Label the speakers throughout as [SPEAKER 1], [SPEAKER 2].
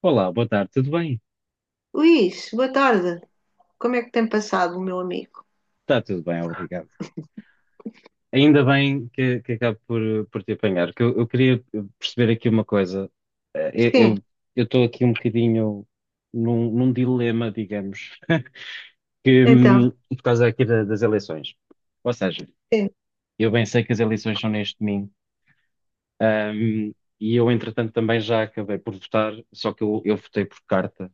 [SPEAKER 1] Olá, boa tarde, tudo bem?
[SPEAKER 2] Luís, boa tarde. Como é que tem passado, meu amigo?
[SPEAKER 1] Está tudo bem, obrigado. Ainda bem que acabo por te apanhar, que eu queria perceber aqui uma coisa. Eh,
[SPEAKER 2] Sim,
[SPEAKER 1] Eu eu estou aqui um bocadinho num dilema, digamos, que,
[SPEAKER 2] então,
[SPEAKER 1] por causa aqui das eleições. Ou seja,
[SPEAKER 2] sim,
[SPEAKER 1] eu bem sei que as eleições são neste domingo, hum, e eu, entretanto, também já acabei por votar, só que eu votei por carta,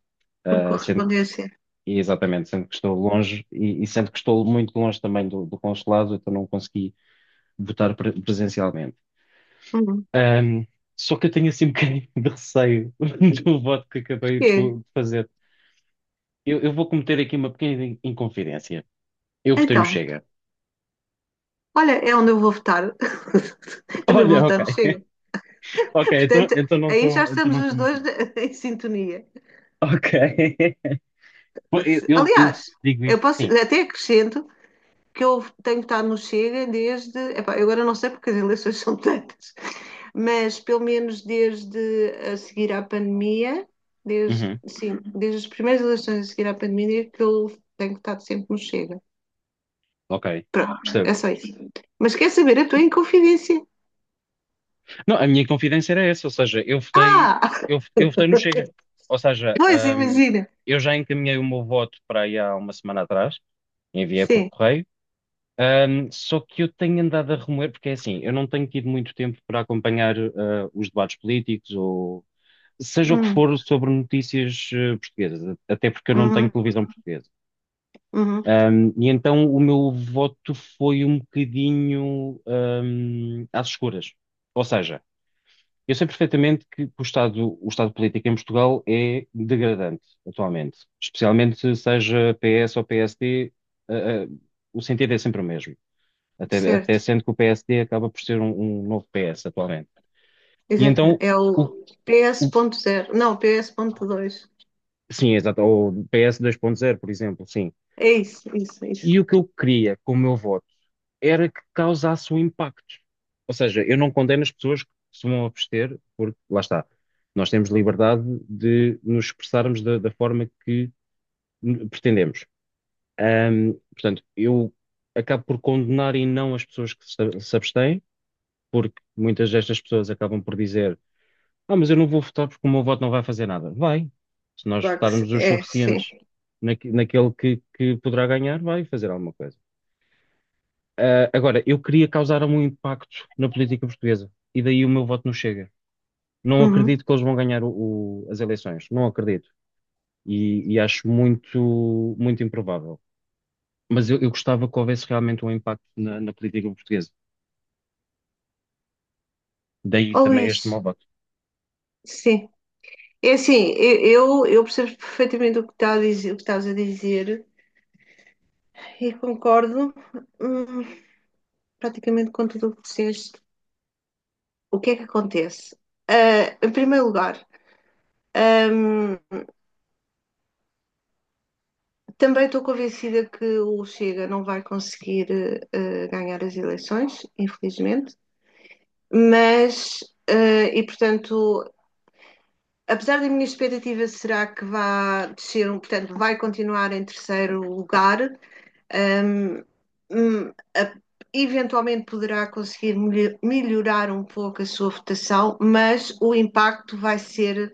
[SPEAKER 2] por
[SPEAKER 1] ah, sendo,
[SPEAKER 2] correspondência.
[SPEAKER 1] e exatamente, sendo que estou longe, e sendo que estou muito longe também do consulado, então não consegui votar presencialmente.
[SPEAKER 2] Hum,
[SPEAKER 1] Só que eu tenho assim um bocadinho de receio do voto que acabei
[SPEAKER 2] porquê?
[SPEAKER 1] de fazer. Eu vou cometer aqui uma pequena inconfidência. Eu votei no
[SPEAKER 2] Então,
[SPEAKER 1] Chega.
[SPEAKER 2] olha, é onde eu vou votar. Também vou
[SPEAKER 1] Olha, ok.
[SPEAKER 2] votar no Chega.
[SPEAKER 1] Ok, então,
[SPEAKER 2] Portanto,
[SPEAKER 1] então não
[SPEAKER 2] aí já
[SPEAKER 1] estou então
[SPEAKER 2] estamos
[SPEAKER 1] não
[SPEAKER 2] os
[SPEAKER 1] estou muito
[SPEAKER 2] dois
[SPEAKER 1] mal.
[SPEAKER 2] em sintonia.
[SPEAKER 1] Ok. Pô, eu
[SPEAKER 2] Aliás,
[SPEAKER 1] digo
[SPEAKER 2] eu
[SPEAKER 1] isto,
[SPEAKER 2] posso,
[SPEAKER 1] sim.
[SPEAKER 2] até acrescento que eu tenho votado no Chega desde. Epá, eu agora não sei porque as eleições são tantas, mas pelo menos desde a seguir à pandemia, desde,
[SPEAKER 1] Uhum,
[SPEAKER 2] sim, desde as primeiras eleições a seguir à pandemia, é que eu tenho estado sempre no Chega.
[SPEAKER 1] ok.
[SPEAKER 2] Pronto,
[SPEAKER 1] Percebo.
[SPEAKER 2] é só isso. Mas quer saber, eu estou em confidência.
[SPEAKER 1] Não, a minha confidência era essa, ou seja, eu votei,
[SPEAKER 2] Ah!
[SPEAKER 1] eu votei no Chega. Ou seja,
[SPEAKER 2] Pois,
[SPEAKER 1] hum,
[SPEAKER 2] imagina.
[SPEAKER 1] eu já encaminhei o meu voto para aí há uma semana atrás, enviei por
[SPEAKER 2] Sim.
[SPEAKER 1] correio. Só que eu tenho andado a remoer, porque é assim, eu não tenho tido muito tempo para acompanhar os debates políticos ou seja o que
[SPEAKER 2] Hum,
[SPEAKER 1] for sobre notícias portuguesas, até porque eu não tenho
[SPEAKER 2] uhum,
[SPEAKER 1] televisão portuguesa.
[SPEAKER 2] uhum.
[SPEAKER 1] E então o meu voto foi um bocadinho às escuras. Ou seja, eu sei perfeitamente que o estado político em Portugal é degradante atualmente, especialmente seja PS ou PSD, ah, ah, o sentido é sempre o mesmo. Até
[SPEAKER 2] Certo.
[SPEAKER 1] sendo que o PSD acaba por ser um, novo PS atualmente. E então,
[SPEAKER 2] Exatamente. É o
[SPEAKER 1] o, o-
[SPEAKER 2] PS.0. Não, PS.2.
[SPEAKER 1] sim, exato, o PS zero por exemplo, sim.
[SPEAKER 2] É isso, isso, isso.
[SPEAKER 1] E o que eu queria com o meu voto era que causasse um impacto. Ou seja, eu não condeno as pessoas que se vão abster, porque, lá está, nós temos liberdade de nos expressarmos da forma que pretendemos. Portanto, eu acabo por condenar e não as pessoas que se abstêm, porque muitas destas pessoas acabam por dizer Ah, mas eu não vou votar porque o meu voto não vai fazer nada. Vai. Se nós
[SPEAKER 2] Claro que
[SPEAKER 1] votarmos os
[SPEAKER 2] é, sim.
[SPEAKER 1] suficientes naquele que poderá ganhar, vai fazer alguma coisa. Agora, eu queria causar um impacto na política portuguesa e daí o meu voto não chega. Não
[SPEAKER 2] Uhum.
[SPEAKER 1] acredito que eles vão ganhar as eleições. Não acredito. E acho muito, muito improvável. Mas eu gostava que houvesse realmente um impacto na política portuguesa. Daí
[SPEAKER 2] Ó
[SPEAKER 1] também
[SPEAKER 2] Luís,
[SPEAKER 1] este meu voto.
[SPEAKER 2] sim. É assim, eu percebo perfeitamente o que está a dizer, o que estás a dizer e concordo, hum, praticamente com tudo o que disseste. O que é que acontece? Em primeiro lugar, hum, também estou convencida que o Chega não vai conseguir ganhar as eleições, infelizmente, mas, e portanto, apesar da minha expectativa será que vá descer, portanto, vai continuar em terceiro lugar. Ahm, hum, a- eventualmente poderá conseguir melhorar um pouco a sua votação, mas o impacto vai ser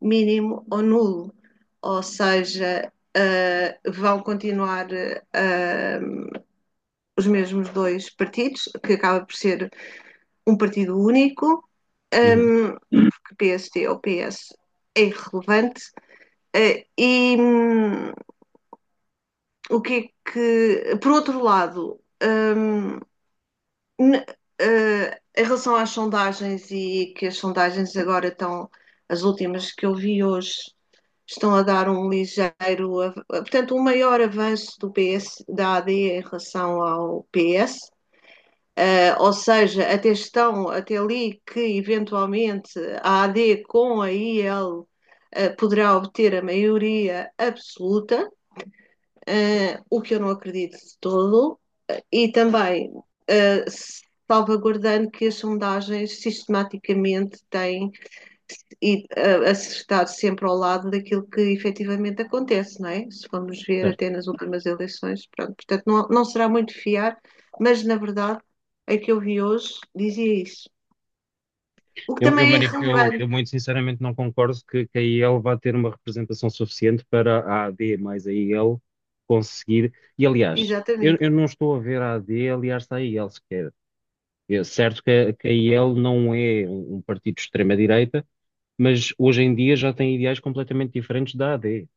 [SPEAKER 2] mínimo ou nulo. Ou seja, vão continuar ah, os mesmos dois partidos, que acaba por ser um partido único,
[SPEAKER 1] Uhum,
[SPEAKER 2] ahm, porque PST ou PS é irrelevante. E o que é que, por outro lado, N- em relação às sondagens e que as sondagens agora estão, as últimas que eu vi hoje, estão a dar um ligeiro, portanto, um maior avanço do PS, da AD em relação ao PS. Ou seja, até estão, até ali que eventualmente a AD com a IL poderá obter a maioria absoluta, o que eu não acredito de todo. E também eh, salvaguardando que as sondagens sistematicamente têm e a estar sempre ao lado daquilo que efetivamente acontece, não é? Se formos ver
[SPEAKER 1] certo.
[SPEAKER 2] até nas últimas eleições, pronto. Portanto, não, não será muito fiar, mas na verdade a que eu vi hoje dizia isso. O que
[SPEAKER 1] Eu, eu,
[SPEAKER 2] também é
[SPEAKER 1] manif- eu- eu
[SPEAKER 2] irrelevante,
[SPEAKER 1] muito sinceramente não concordo que a IEL vá ter uma representação suficiente para a AD mais a IEL conseguir. E aliás, eu,
[SPEAKER 2] exatamente.
[SPEAKER 1] eu não estou a ver a AD aliás à IEL sequer. É certo que a IEL não é um, partido de extrema-direita, mas hoje em dia já tem ideais completamente diferentes da AD.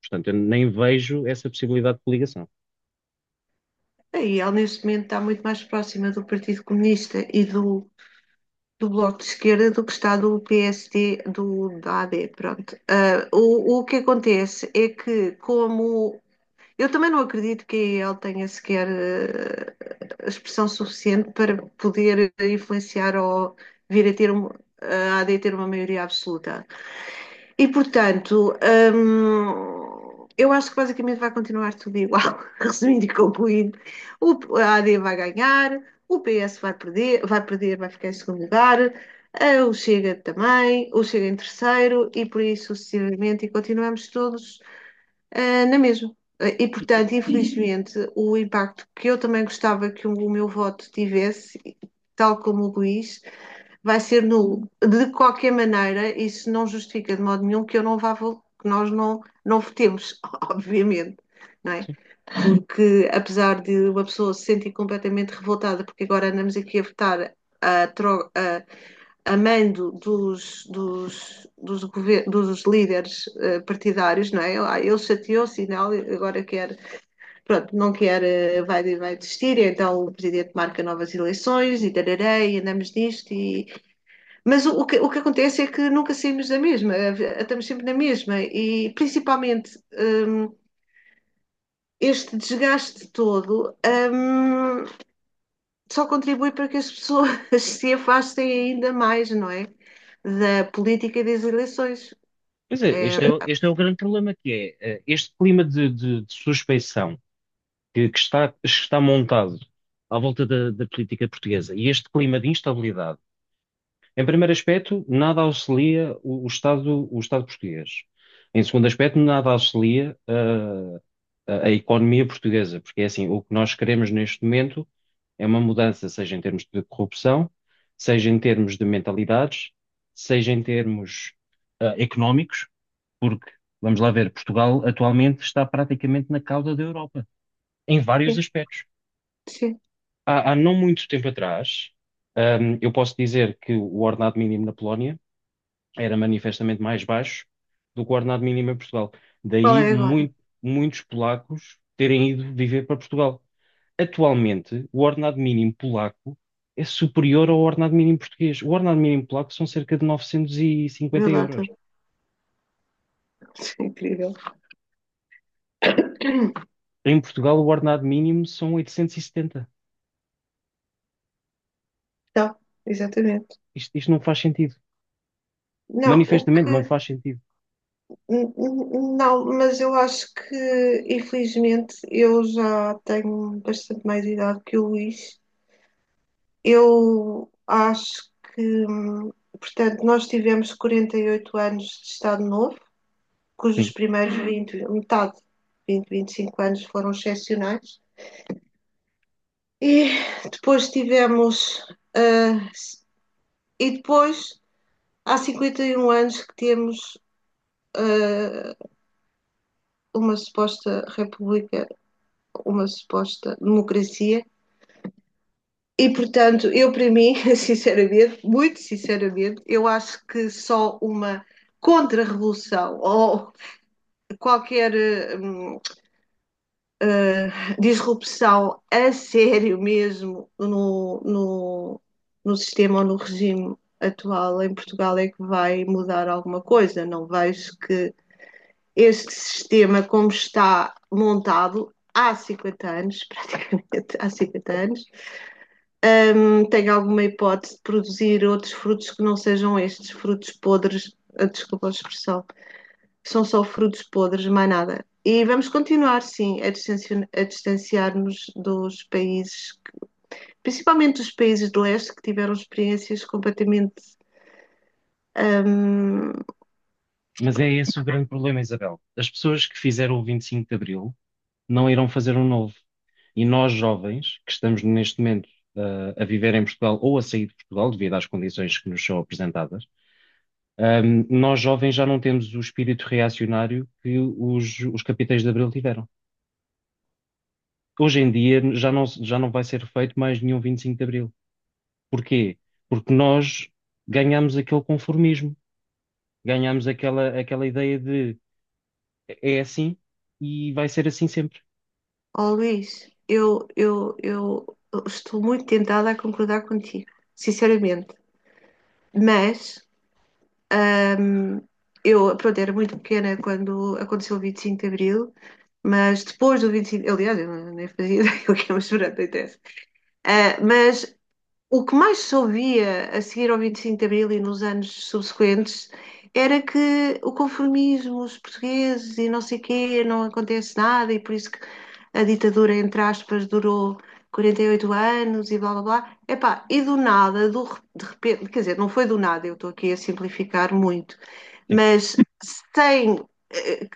[SPEAKER 1] Portanto, eu nem vejo essa possibilidade de coligação.
[SPEAKER 2] Aí ela neste momento está muito mais próxima do Partido Comunista e do Bloco de Esquerda do que está do PSD, do, da AD, pronto. O que acontece é que, como... Eu também não acredito que ele tenha sequer expressão suficiente para poder influenciar ou vir a ter um, a AD ter uma maioria absoluta. E portanto, eu acho que basicamente vai continuar tudo igual, resumindo e concluindo. A AD vai ganhar, o PS vai perder, vai ficar em segundo lugar, o Chega também, o Chega em terceiro e por aí sucessivamente, e continuamos todos na mesma. E portanto, infelizmente, o impacto que eu também gostava que o meu voto tivesse, tal como o Luís, vai ser nulo. De qualquer maneira, isso não justifica de modo nenhum que eu não que nós não, não votemos, obviamente. Não é? Porque apesar de uma pessoa se sentir completamente revoltada, porque agora andamos aqui a votar a, tro- a, a mando dos líderes partidários, não é? Ele chateou-se e não, agora quer, pronto, não quer, vai, vai desistir, então o presidente marca novas eleições e tarará, e andamos nisto e, mas o que acontece é que nunca saímos da mesma, estamos sempre na mesma, e principalmente este desgaste todo hum, só contribui para que as pessoas se afastem ainda mais, não é? Da política e das eleições.
[SPEAKER 1] Pois é,
[SPEAKER 2] É,
[SPEAKER 1] este é o grande problema que é este clima de suspeição que está montado à volta da política portuguesa e este clima de instabilidade, em primeiro aspecto, nada auxilia o Estado português. Em segundo aspecto, nada auxilia a economia portuguesa, porque é assim, o que nós queremos neste momento é uma mudança, seja em termos de corrupção, seja em termos de mentalidades, seja em termos económicos, porque, vamos lá ver, Portugal atualmente está praticamente na cauda da Europa, em vários
[SPEAKER 2] sim,
[SPEAKER 1] aspectos
[SPEAKER 2] sim.
[SPEAKER 1] há não muito tempo atrás, eu posso dizer que o ordenado mínimo na Polónia era manifestamente mais baixo do que o ordenado mínimo em Portugal.
[SPEAKER 2] Qual
[SPEAKER 1] Daí
[SPEAKER 2] é agora?
[SPEAKER 1] muitos polacos terem ido viver para Portugal. Atualmente, o ordenado mínimo polaco é superior ao ordenado mínimo português. O ordenado mínimo polaco são cerca de 950
[SPEAKER 2] Vê lá
[SPEAKER 1] euros.
[SPEAKER 2] tu. É incrível.
[SPEAKER 1] Em Portugal, o ordenado mínimo são 870.
[SPEAKER 2] Então, exatamente.
[SPEAKER 1] Isto não faz sentido.
[SPEAKER 2] Não, o
[SPEAKER 1] Manifestamente não
[SPEAKER 2] que
[SPEAKER 1] faz sentido.
[SPEAKER 2] N- n- Não, mas eu acho que, infelizmente, eu já tenho bastante mais idade que o Luís. Eu acho que, portanto, nós tivemos 48 anos de Estado Novo, cujos primeiros 20, metade, 20, 25 anos foram excepcionais. E depois tivemos, ah, s- e depois, há 51 anos que temos, ah, uma suposta república, uma suposta democracia. E, portanto, eu, para mim, sinceramente, muito sinceramente, eu acho que só uma contra-revolução ou qualquer hum, disrupção a sério mesmo no, no sistema ou no regime atual em Portugal é que vai mudar alguma coisa. Não vejo que este sistema, como está montado há 50 anos, praticamente há 50 anos, tem alguma hipótese de produzir outros frutos que não sejam estes frutos podres? Ah, desculpa a expressão. São só frutos podres, mais nada. E vamos continuar, sim, a distanciar-nos dos países, principalmente dos países do leste, que tiveram experiências completamente. hum,
[SPEAKER 1] Mas é esse o grande problema, Isabel. As pessoas que fizeram o 25 de Abril não irão fazer um novo. E nós, jovens, que estamos neste momento a viver em Portugal ou a sair de Portugal, devido às condições que nos são apresentadas, nós, jovens, já não temos o espírito reacionário que os capitães de Abril tiveram. Hoje em dia já não vai ser feito mais nenhum 25 de Abril. Porquê? Porque nós ganhamos aquele conformismo, ganhamos aquela ideia de é assim e vai ser assim sempre.
[SPEAKER 2] oh, Luís, eu estou muito tentada a concordar contigo, sinceramente. Mas Ahm, eu, pronto, era muito pequena quando aconteceu o 25 de Abril, mas depois do 25, aliás, eu nem fazia ideia o que é uma chorando acontece. Ah, mas o que mais se ouvia a seguir ao 25 de Abril e nos anos subsequentes era que o conformismo, os portugueses e não sei quê, não acontece nada e por isso que a ditadura, entre aspas, durou 48 anos e blá blá blá. Epá, e do nada, de repente, quer dizer, não foi do nada, eu estou aqui a simplificar muito,
[SPEAKER 1] Sim,
[SPEAKER 2] mas sem eh,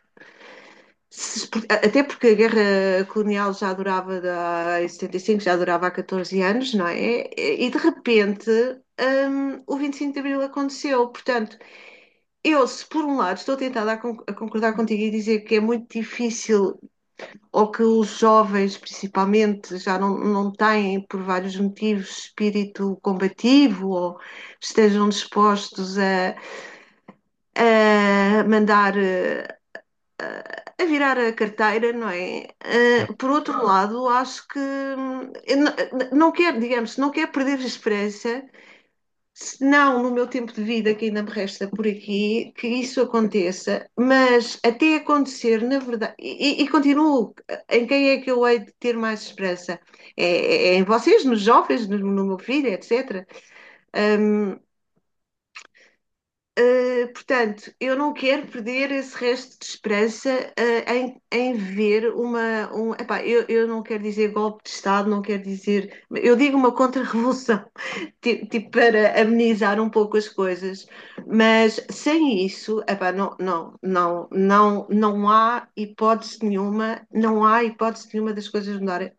[SPEAKER 2] até porque a guerra colonial já durava em 75, já durava há 14 anos, não é? E de repente, o 25 de Abril aconteceu. Portanto, eu, se por um lado estou tentada a concordar contigo e dizer que é muito difícil, ou que os jovens, principalmente, já não, não têm, por vários motivos, espírito combativo, ou estejam dispostos a mandar a virar a carteira, não é? Ah,
[SPEAKER 1] certo.
[SPEAKER 2] por outro lado, acho que eu não quero, digamos, não quero perder a esperança, se não no meu tempo de vida que ainda me resta por aqui, que isso aconteça, mas até acontecer, na verdade, e continuo, em quem é que eu hei de ter mais esperança? É, é em vocês, nos jovens, no meu filho, etc. Hum, portanto, eu não quero perder esse resto de esperança em, ver uma. Epá, eu não quero dizer golpe de Estado, não quero dizer. Eu digo uma contra-revolução, tipo, para amenizar um pouco as coisas, mas sem isso, epá, não, não, não, não, não há hipótese nenhuma, não há hipótese nenhuma das coisas mudarem.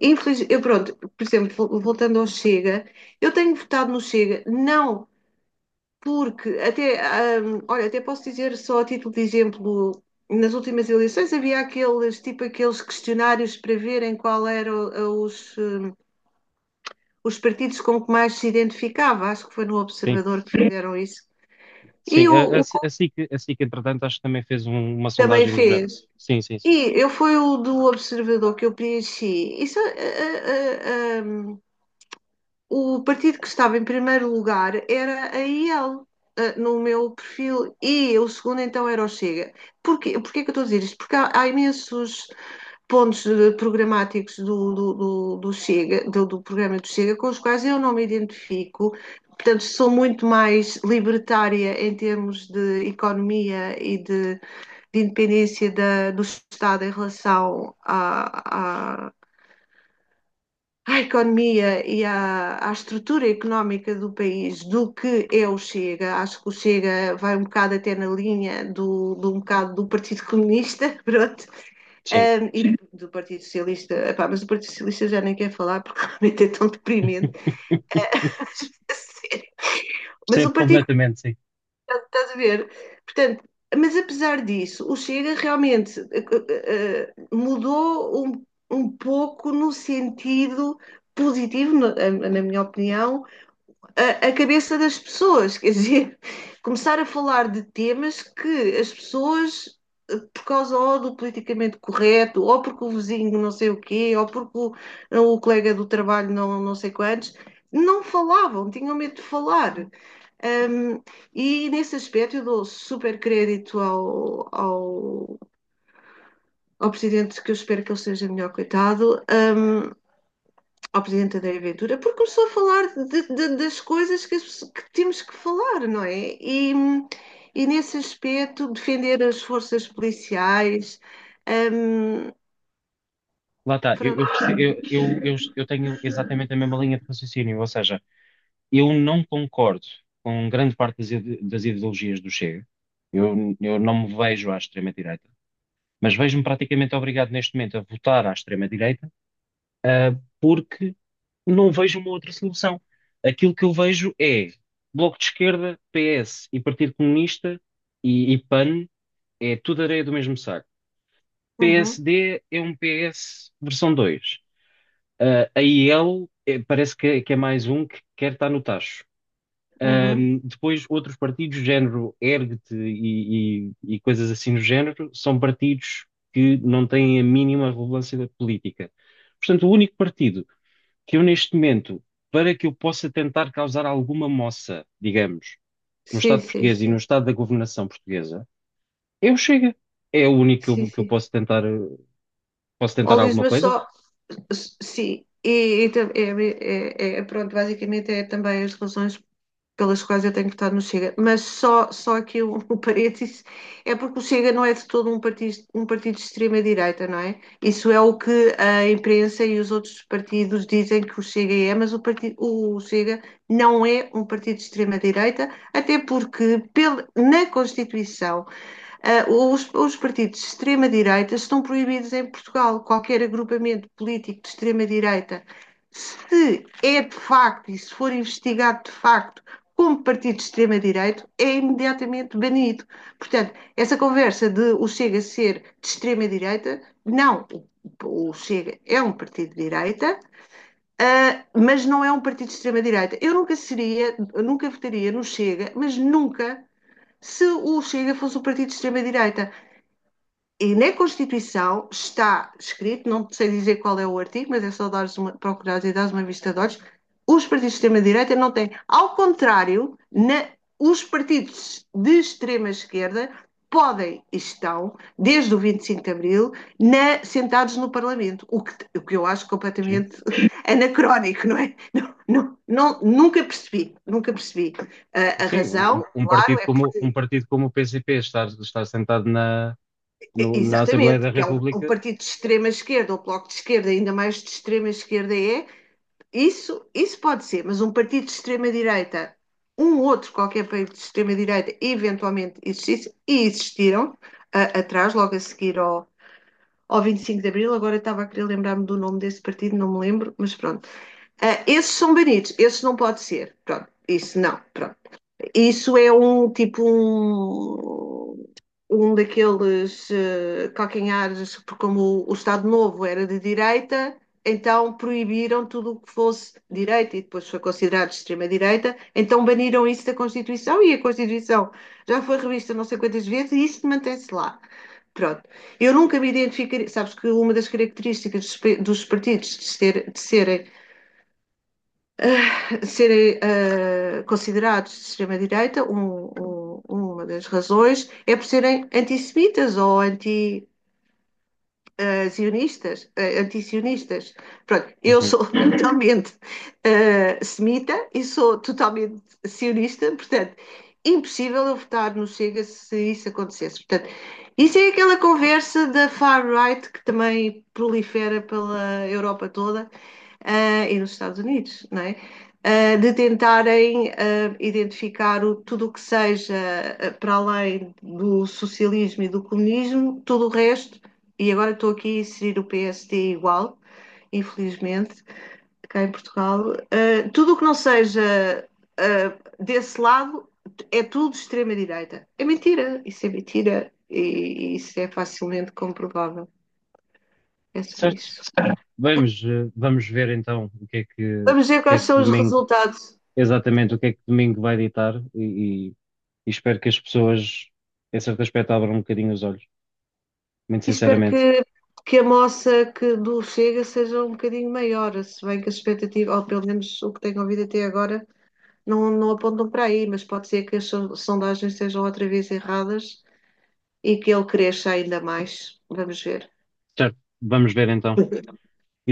[SPEAKER 2] Infeliz, eu pronto, por exemplo, voltando ao Chega, eu tenho votado no Chega, não porque até, olha, até posso dizer só a título de exemplo, nas últimas eleições havia aqueles, tipo aqueles questionários para verem qual eram os, hum, os partidos com que mais se identificava. Acho que foi no
[SPEAKER 1] Sim,
[SPEAKER 2] Observador que fizeram isso. E
[SPEAKER 1] sim.
[SPEAKER 2] o,
[SPEAKER 1] A, a,
[SPEAKER 2] o
[SPEAKER 1] a
[SPEAKER 2] Coop
[SPEAKER 1] SIC, a SIC, entretanto, acho que também fez uma
[SPEAKER 2] também
[SPEAKER 1] sondagem do género.
[SPEAKER 2] fez.
[SPEAKER 1] Sim, sim, sim.
[SPEAKER 2] E eu foi o do Observador que eu preenchi. Isso, ah, ah, hum, o partido que estava em primeiro lugar era a IEL, no meu perfil, e o segundo então era o Chega. Porquê, porquê que eu estou a dizer isto? Porque há imensos pontos programáticos do Chega, do programa do Chega, com os quais eu não me identifico. Portanto, sou muito mais libertária em termos de economia e de independência da, do Estado em relação à economia e à estrutura económica do país do que é o Chega. Acho que o Chega vai um bocado até na linha do um bocado do Partido Comunista, pronto.
[SPEAKER 1] Sim.
[SPEAKER 2] E do Partido Socialista, epá, mas o Partido Socialista já nem quer falar porque realmente é tão deprimente. É, mas, Mas
[SPEAKER 1] Percebo
[SPEAKER 2] o Partido,
[SPEAKER 1] completamente, sim.
[SPEAKER 2] estás a ver? Portanto, mas apesar disso, o Chega realmente mudou um pouco no sentido positivo, na minha opinião, a cabeça das pessoas, quer dizer, começar a falar de temas que as pessoas, por causa ou do politicamente correto, ou porque o vizinho não sei o quê, ou porque o colega do trabalho não, não sei quantos, não falavam, tinham medo de falar. Um, e nesse aspecto eu dou super crédito ao presidente, que eu espero que ele seja melhor coitado, ao Presidente André Ventura, porque começou a falar das coisas que temos que falar, não é? E nesse aspecto, defender as forças policiais, hum,
[SPEAKER 1] Lá está, eu,
[SPEAKER 2] pronto,
[SPEAKER 1] perce- eu tenho exatamente a mesma linha de raciocínio, ou seja, eu não concordo com grande parte das ideologias do Chega, eu não me vejo à extrema-direita, mas vejo-me praticamente obrigado neste momento a votar à extrema-direita porque não vejo uma outra solução. Aquilo que eu vejo é Bloco de Esquerda, PS e Partido Comunista e PAN é tudo areia do mesmo saco.
[SPEAKER 2] Uhum,
[SPEAKER 1] PSD é um PS versão 2. A IL parece é que é mais um que quer estar no tacho.
[SPEAKER 2] uhum.
[SPEAKER 1] Depois, outros partidos, género Ergt e coisas assim do género, são partidos que não têm a mínima relevância da política. Portanto, o único partido que eu, neste momento, para que eu possa tentar causar alguma moça, digamos, no
[SPEAKER 2] Sim,
[SPEAKER 1] Estado
[SPEAKER 2] sim,
[SPEAKER 1] português e no
[SPEAKER 2] sim,
[SPEAKER 1] Estado da governação portuguesa, é o Chega. É o único que
[SPEAKER 2] sim,
[SPEAKER 1] eu, que eu
[SPEAKER 2] sim.
[SPEAKER 1] posso
[SPEAKER 2] Ó,
[SPEAKER 1] tentar
[SPEAKER 2] Luís,
[SPEAKER 1] alguma
[SPEAKER 2] mas
[SPEAKER 1] coisa.
[SPEAKER 2] só, sim, pronto, basicamente é também as relações pelas quais eu tenho votado no Chega, mas só aqui o parênteses é porque o Chega não é de todo um partido de extrema-direita, não é? Isso é o que a imprensa e os outros partidos dizem que o Chega é, mas o, partido, o Chega não é um partido de extrema-direita, até porque pel, na Constituição. Os, partidos de extrema-direita estão proibidos em Portugal. Qualquer agrupamento político de extrema-direita, se é de facto e se for investigado de facto como partido de extrema-direita, é imediatamente banido. Portanto, essa conversa de o Chega ser de extrema-direita, não. O, Chega é um partido de direita, mas não é um partido de extrema-direita. Eu nunca seria, nunca votaria no Chega, mas nunca se o Chega fosse um partido de extrema-direita. E na Constituição está escrito, não sei dizer qual é o artigo, mas é só dares uma, procurares e dares uma vista de olhos, os partidos de extrema-direita não têm. Ao contrário, na, os partidos de extrema-esquerda podem e estão, desde o 25 de Abril, na, sentados no Parlamento, o que eu acho
[SPEAKER 1] Sim.
[SPEAKER 2] completamente anacrónico, não é? Não, não, não nunca percebi, nunca percebi. A
[SPEAKER 1] Sim, um,
[SPEAKER 2] razão,
[SPEAKER 1] um
[SPEAKER 2] claro,
[SPEAKER 1] partido
[SPEAKER 2] é
[SPEAKER 1] como, um
[SPEAKER 2] porque...
[SPEAKER 1] partido como o PCP estar sentado na, no- na Assembleia
[SPEAKER 2] Exatamente,
[SPEAKER 1] da
[SPEAKER 2] que é um, um
[SPEAKER 1] República.
[SPEAKER 2] partido de extrema esquerda, ou bloco de esquerda, ainda mais de extrema esquerda é, isso pode ser, mas um partido de extrema direita, um outro qualquer partido de extrema direita, eventualmente existisse, e existiram atrás, logo a seguir ao, ao 25 de Abril, agora eu estava a querer lembrar-me do nome desse partido, não me lembro, mas pronto. Ah, esses são banidos, esses não pode ser, pronto, isso não, pronto. Isso é um tipo, um um daqueles calcanhares, porque como o Estado Novo era de direita, então proibiram tudo o que fosse direita e depois foi considerado de extrema-direita, então baniram isso da Constituição e a Constituição já foi revista não sei quantas vezes e isso mantém-se lá. Pronto. Eu nunca me identificaria. Sabes que uma das características dos partidos de, de serem considerados de extrema-direita, uma das razões, é por serem antissemitas ou anti, zionistas, antisionistas. Pronto, eu
[SPEAKER 1] Uhum.
[SPEAKER 2] sou totalmente semita e sou totalmente sionista, portanto, impossível eu votar no Chega se isso acontecesse. Portanto, isso é aquela conversa da far-right que também prolifera pela Europa toda e nos Estados Unidos, não é? De tentarem identificar tudo o que seja para além do socialismo e do comunismo, tudo o resto, e agora estou aqui a inserir o PSD igual, infelizmente, cá em Portugal, tudo o que não seja desse lado é tudo extrema-direita. É mentira, isso é mentira e isso é facilmente comprovável. É só
[SPEAKER 1] Certo.
[SPEAKER 2] isso.
[SPEAKER 1] Vamos ver então o
[SPEAKER 2] Vamos ver
[SPEAKER 1] que é
[SPEAKER 2] quais
[SPEAKER 1] que
[SPEAKER 2] são os
[SPEAKER 1] domingo,
[SPEAKER 2] resultados.
[SPEAKER 1] exatamente o que é que domingo vai ditar e espero que as pessoas, em certo aspecto, abram um bocadinho os olhos, muito
[SPEAKER 2] E espero
[SPEAKER 1] sinceramente.
[SPEAKER 2] que a moça que do Chega seja um bocadinho maior, se bem que as expectativas, ou pelo menos o que tenho ouvido até agora, não, não apontam para aí, mas pode ser que as sondagens estejam outra vez erradas e que ele cresça ainda mais. Vamos ver.
[SPEAKER 1] Certo, vamos ver então.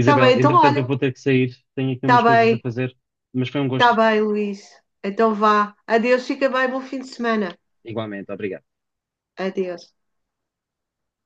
[SPEAKER 2] Está bem, então
[SPEAKER 1] entretanto, eu
[SPEAKER 2] olha.
[SPEAKER 1] vou ter que sair, tenho aqui umas
[SPEAKER 2] Está
[SPEAKER 1] coisas a
[SPEAKER 2] bem,
[SPEAKER 1] fazer, mas foi um
[SPEAKER 2] está
[SPEAKER 1] gosto.
[SPEAKER 2] bem, Luís. Então vá. Adeus, fica bem, bom fim de semana.
[SPEAKER 1] Igualmente, obrigado.
[SPEAKER 2] Adeus.